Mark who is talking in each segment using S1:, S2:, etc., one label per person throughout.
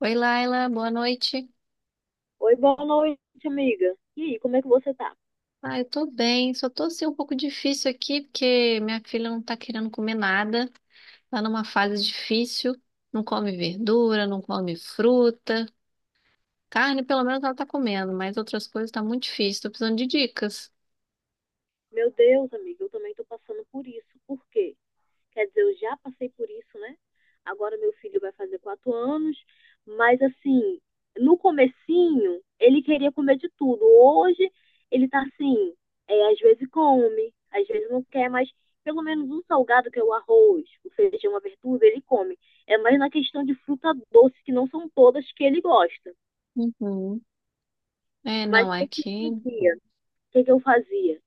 S1: Oi, Laila, boa noite.
S2: Oi, boa noite, amiga. E aí, como é que você tá?
S1: Ah, eu tô bem, só tô assim um pouco difícil aqui porque minha filha não tá querendo comer nada, tá numa fase difícil, não come verdura, não come fruta, carne pelo menos ela tá comendo, mas outras coisas tá muito difícil, tô precisando de dicas.
S2: Meu Deus, amiga, eu também tô passando por isso. Por quê? Quer dizer, eu já passei por isso, né? Agora meu filho vai fazer 4 anos, mas assim, no comecinho, ele queria comer de tudo. Hoje, ele tá assim, é, às vezes come, às vezes não quer, mas pelo menos um salgado, que é o arroz, o feijão, a verdura, ele come. É mais na questão de fruta doce, que não são todas que ele gosta.
S1: Uhum. É,
S2: Mas
S1: não,
S2: o que eu
S1: aqui
S2: fazia? O que que eu fazia?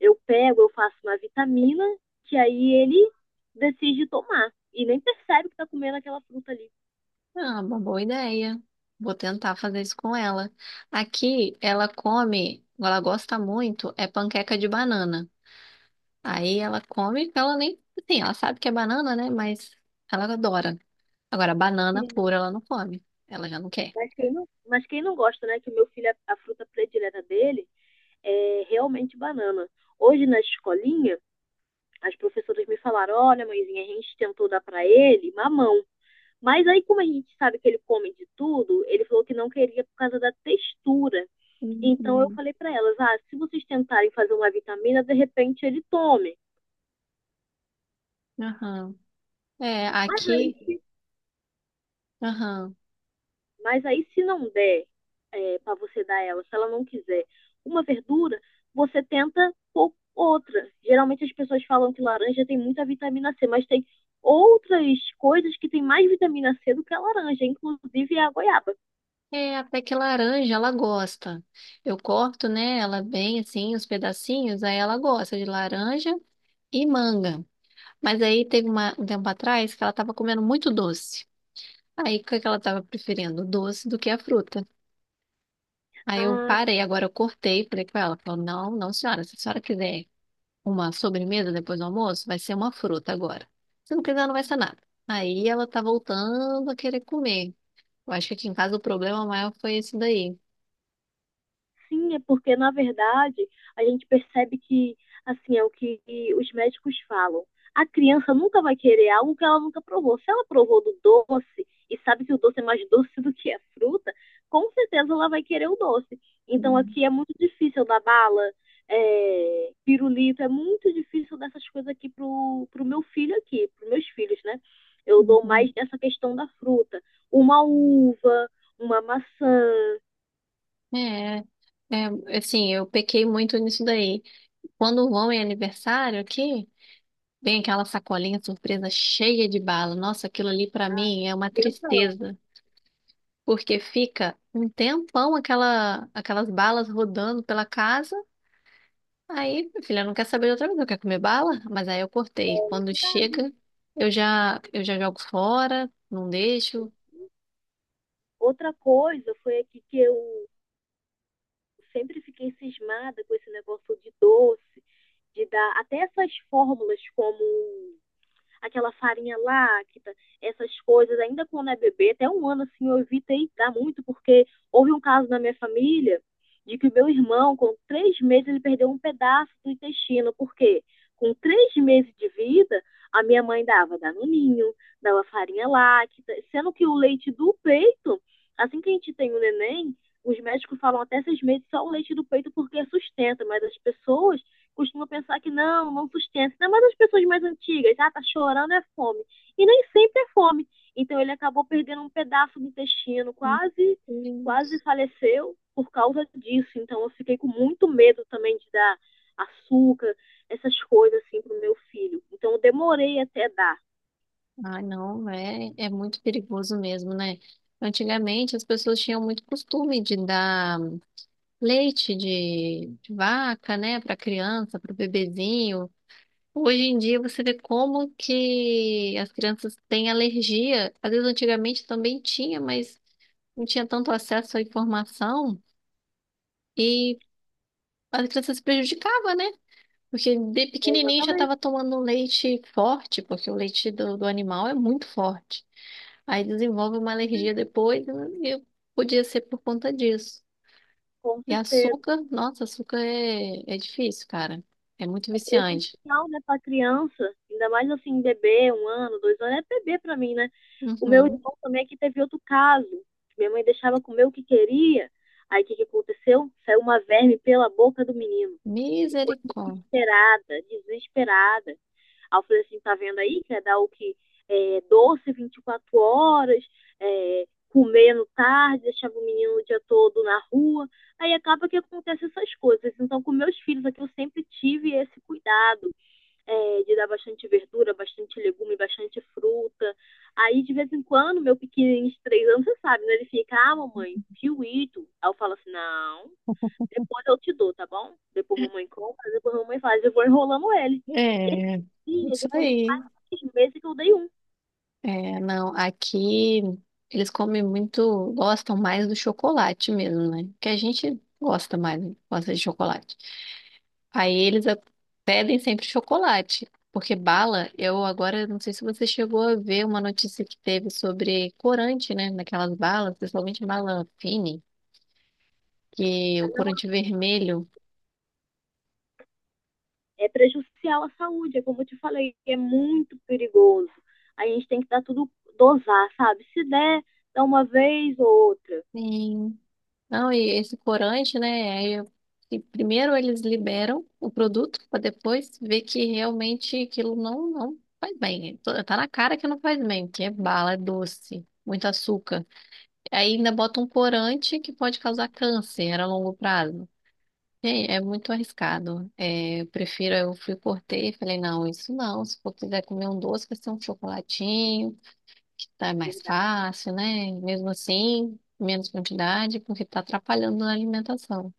S2: Eu pego, eu faço uma vitamina, que aí ele decide tomar. E nem percebe que tá comendo aquela fruta ali.
S1: é uma boa ideia. Vou tentar fazer isso com ela. Aqui ela come, ela gosta muito, é panqueca de banana. Aí ela come, então ela nem, assim, ela sabe que é banana, né? Mas ela adora. Agora, banana
S2: Sim.
S1: pura ela não come. Ela já não quer.
S2: Mas quem não gosta, né? Que o meu filho, a fruta predileta dele é realmente banana. Hoje na escolinha, as professoras me falaram: olha, mãezinha, a gente tentou dar para ele mamão. Mas aí, como a gente sabe que ele come de tudo, ele falou que não queria por causa da textura. Então eu
S1: Uhum.
S2: falei para elas: ah, se vocês tentarem fazer uma vitamina, de repente ele tome.
S1: Aham. É,
S2: Mas aí,
S1: aqui,
S2: se
S1: aham.
S2: Mas aí, se não der para você dar ela, se ela não quiser uma verdura, você tenta pôr outra. Geralmente as pessoas falam que laranja tem muita vitamina C, mas tem outras coisas que tem mais vitamina C do que a laranja, inclusive a goiaba.
S1: É, até que laranja ela gosta. Eu corto, né, ela bem assim, os pedacinhos, aí ela gosta de laranja e manga. Mas aí teve um tempo atrás que ela tava comendo muito doce. Aí o que que ela tava preferindo? O doce do que a fruta. Aí eu
S2: Ah,
S1: parei, agora eu cortei, falei com ela, falou, não, não, senhora, se a senhora quiser uma sobremesa depois do almoço, vai ser uma fruta agora. Se não quiser, não vai ser nada. Aí ela tá voltando a querer comer. Eu acho que aqui em casa o problema maior foi esse daí.
S2: sim, é porque, na verdade, a gente percebe que, assim, é o que os médicos falam. A criança nunca vai querer algo que ela nunca provou. Se ela provou do doce e sabe que o doce é mais doce do que a fruta, com certeza ela vai querer o doce. Então
S1: Uhum.
S2: aqui é muito difícil da bala, pirulito, é muito difícil dessas coisas aqui pro meu filho aqui, pros meus filhos, né? Eu dou
S1: Uhum.
S2: mais nessa questão da fruta. Uma uva, uma maçã.
S1: É, é, assim, eu pequei muito nisso daí. Quando vão em aniversário aqui, vem aquela sacolinha surpresa cheia de bala. Nossa, aquilo ali pra mim é uma
S2: Criança ama.
S1: tristeza. Porque fica um tempão aquelas balas rodando pela casa. Aí, minha filha não quer saber de outra coisa, quer comer bala? Mas aí eu cortei. Quando
S2: Ah,
S1: chega, eu já jogo fora, não deixo.
S2: outra coisa foi aqui que eu sempre fiquei cismada com esse negócio de doce, de dar até essas fórmulas como aquela farinha láctea, essas coisas, ainda quando é bebê, até um ano assim eu evitei dar muito, porque houve um caso na minha família de que o meu irmão, com 3 meses, ele perdeu um pedaço do intestino. Por quê? Com 3 meses de vida, a minha mãe dava danoninho, dava farinha láctea, sendo que o leite do peito, assim que a gente tem o neném, os médicos falam até 6 meses só o leite do peito porque sustenta, mas as pessoas costuma pensar que não, não sustenta. Ainda mais as pessoas mais antigas, ah, tá chorando, é fome. E nem sempre é fome. Então ele acabou perdendo um pedaço do intestino,
S1: Meu
S2: quase, quase
S1: Deus.
S2: faleceu por causa disso. Então eu fiquei com muito medo também de dar açúcar, essas coisas assim pro meu filho. Então eu demorei até dar.
S1: Ah, não, é muito perigoso mesmo, né? Antigamente as pessoas tinham muito costume de dar leite de vaca, né, para criança, para o bebezinho. Hoje em dia você vê como que as crianças têm alergia. Às vezes antigamente também tinha, mas não tinha tanto acesso à informação e as crianças se prejudicavam, né? Porque de pequenininho já
S2: Exatamente,
S1: estava tomando um leite forte, porque o leite do animal é muito forte. Aí desenvolve uma alergia depois, né? E podia ser por conta disso.
S2: com
S1: E
S2: certeza.
S1: açúcar, nossa, açúcar é difícil, cara. É muito
S2: É
S1: viciante.
S2: prejudicial, né, pra criança. Ainda mais assim, um bebê, um ano, 2 anos, é bebê pra mim, né? O meu
S1: Uhum.
S2: irmão também aqui teve outro caso. Minha mãe deixava comer o que queria. Aí o que aconteceu? Saiu uma verme pela boca do menino. Ficou
S1: Misericórdia.
S2: desesperada, desesperada. Aí eu falei assim, tá vendo aí que é dar o que? Doce 24 horas, comendo tarde, deixava o menino o dia todo na rua. Aí acaba que acontece essas coisas. Então, com meus filhos aqui, eu sempre tive esse cuidado de dar bastante verdura, bastante legume, bastante fruta. Aí, de vez em quando, meu pequenininho de 3 anos, você sabe, né? Ele fica, ah, mamãe, fio. Aí eu falo assim, não, depois eu te dou, tá bom? Depois a mamãe compra, depois a mamãe faz. Eu vou enrolando ele. Esse
S1: É,
S2: dia,
S1: isso
S2: depois de
S1: aí.
S2: quase 6 meses que eu dei um.
S1: É, não, aqui eles comem muito, gostam mais do chocolate mesmo, né? Que a gente gosta mais, né? Gosta de chocolate. Aí eles a- Pedem sempre chocolate, porque bala, eu agora não sei se você chegou a ver uma notícia que teve sobre corante, né? Naquelas balas, principalmente bala fine, que
S2: Tá?
S1: o
S2: Não,
S1: corante vermelho.
S2: é prejudicial à saúde, é como eu te falei, é muito perigoso. A gente tem que dar tudo, dosar, sabe? Se der, dá uma vez ou outra.
S1: Sim. Não, E esse corante, né? Que primeiro eles liberam o produto para depois ver que realmente aquilo não faz bem. Tá na cara que não faz bem, porque é bala, é doce, muito açúcar. Aí ainda bota um corante que pode causar câncer a longo prazo. Gente, é muito arriscado. É, eu prefiro, eu fui cortei e falei, não, isso não. Se for quiser comer um doce, vai ser um chocolatinho, que tá mais
S2: Verdade.
S1: fácil, né? Mesmo assim, menos quantidade, porque tá atrapalhando na alimentação.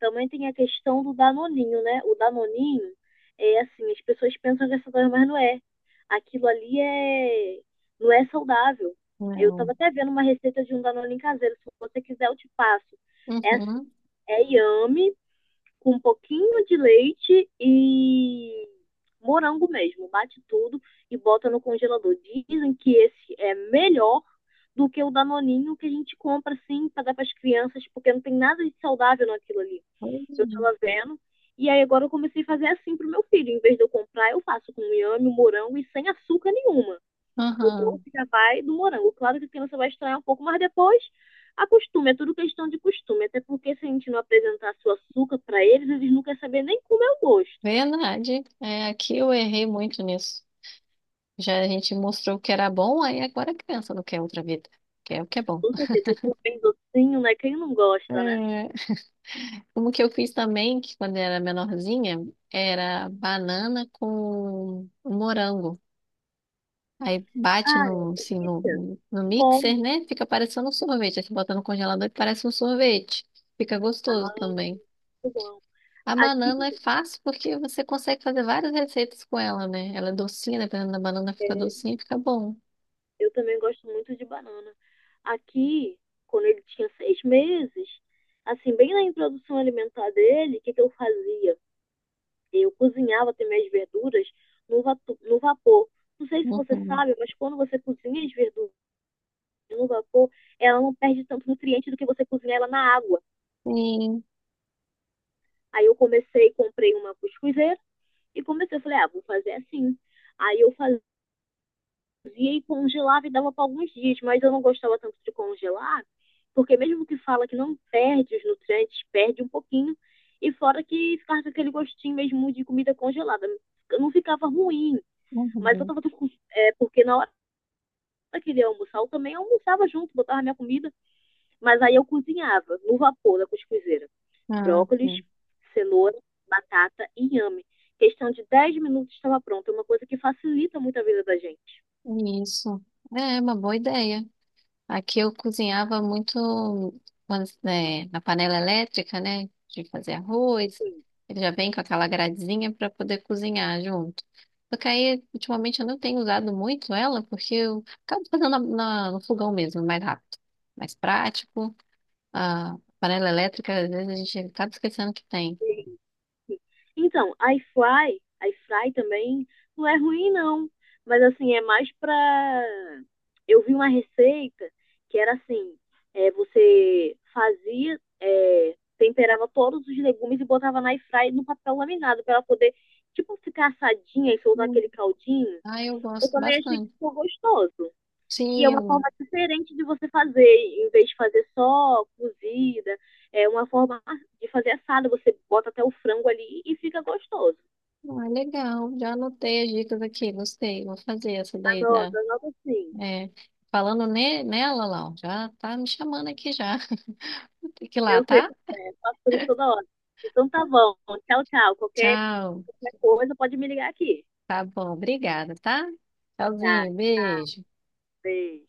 S2: Também tem a questão do danoninho, né? O danoninho é assim, as pessoas pensam que é saudável, mas não é. Aquilo ali é não é saudável. Eu
S1: Não.
S2: estava até vendo uma receita de um danoninho caseiro, se você quiser eu te passo. É assim,
S1: Uhum.
S2: é yame com um pouquinho de leite e morango mesmo, bate tudo e bota no congelador. Dizem que esse é melhor do que o danoninho que a gente compra assim para dar para as crianças, porque não tem nada de saudável naquilo ali
S1: Pois
S2: eu
S1: é.
S2: tava vendo. E aí agora eu comecei a fazer assim pro meu filho. Em vez de eu comprar, eu faço com inhame, morango e sem açúcar nenhuma. O
S1: Uhum.
S2: doce já vai do morango. Claro que a criança vai estranhar um pouco, mas depois acostume. É tudo questão de costume. Até porque se a gente não apresentar seu açúcar para eles, eles não querem saber nem como é o gosto.
S1: Verdade. É, aqui eu errei muito nisso. Já a gente mostrou o que era bom, aí agora a criança não quer outra vida. Quer o que é bom.
S2: Com certeza, aquilo é bem docinho, né? Quem não gosta, né?
S1: É, como que eu fiz também, que quando era menorzinha, era banana com morango. Aí bate
S2: Ah, é delícia.
S1: no
S2: Muito bom.
S1: mixer, né? Fica parecendo um sorvete. Aí você bota no congelador e parece um sorvete. Fica
S2: Ah,
S1: gostoso também.
S2: muito bom.
S1: A
S2: Aqui,
S1: banana é fácil porque você consegue fazer várias receitas com ela, né? Ela é docinha, dependendo da banana, fica
S2: é,
S1: docinha e fica bom.
S2: eu também gosto muito de banana. Aqui, quando ele tinha 6 meses, assim, bem na introdução alimentar dele, o que, que eu fazia? Eu cozinhava também as verduras no vapor. Não sei se você
S1: Uhum.
S2: sabe, mas quando você cozinha as verduras no vapor, ela não perde tanto nutriente do que você cozinha ela na água.
S1: Sim.
S2: Aí eu comecei, comprei uma cuscuzeira e comecei, eu falei, ah, vou fazer assim. Aí eu fazia e congelava e dava para alguns dias, mas eu não gostava tanto de congelar, porque mesmo que fala que não perde os nutrientes, perde um pouquinho, e fora que ficava com aquele gostinho mesmo de comida congelada. Não ficava ruim, mas eu
S1: Uhum.
S2: tava com... é, porque na hora que ele ia almoçar, eu também almoçava junto, botava minha comida, mas aí eu cozinhava no vapor da cuscuzeira.
S1: Ah,
S2: Brócolis,
S1: sim.
S2: cenoura, batata e inhame. Questão de 10 minutos estava pronto. É uma coisa que facilita muito a vida da gente.
S1: Isso. É uma boa ideia. Aqui eu cozinhava muito né, na panela elétrica, né? De fazer arroz.
S2: Sim,
S1: Ele já vem com aquela gradezinha para poder cozinhar junto. Só que aí, ultimamente, eu não tenho usado muito ela, porque eu acabo fazendo no fogão mesmo, mais rápido, mais prático. A panela elétrica, às vezes a gente acaba esquecendo que tem.
S2: sim. Então, iFly também não é ruim, não. Mas assim, é mais pra. Eu vi uma receita que era assim, você fazia, temperava todos os legumes e botava na airfry no papel laminado pra ela poder, tipo, ficar assadinha e soltar
S1: Hum.
S2: aquele caldinho.
S1: Ah, eu
S2: Eu
S1: gosto
S2: também achei que
S1: bastante.
S2: ficou gostoso. E é
S1: Sim,
S2: uma forma
S1: eu.
S2: diferente de você fazer, em vez de fazer só cozida, é uma forma de fazer assada, você bota até o frango ali e fica gostoso.
S1: Ah, legal, já anotei as dicas aqui, gostei. Vou fazer essa daí da.
S2: Anota, anota sim.
S1: é, falando nela, Lau, já tá me chamando aqui já. Tem que ir lá,
S2: Eu sei
S1: tá?
S2: como é, faço por isso toda hora. Então tá bom, tchau, tchau. Qualquer,
S1: Tchau.
S2: qualquer coisa pode me ligar aqui.
S1: Tá bom, obrigada, tá?
S2: Tá,
S1: Tchauzinho, beijo.
S2: beijo.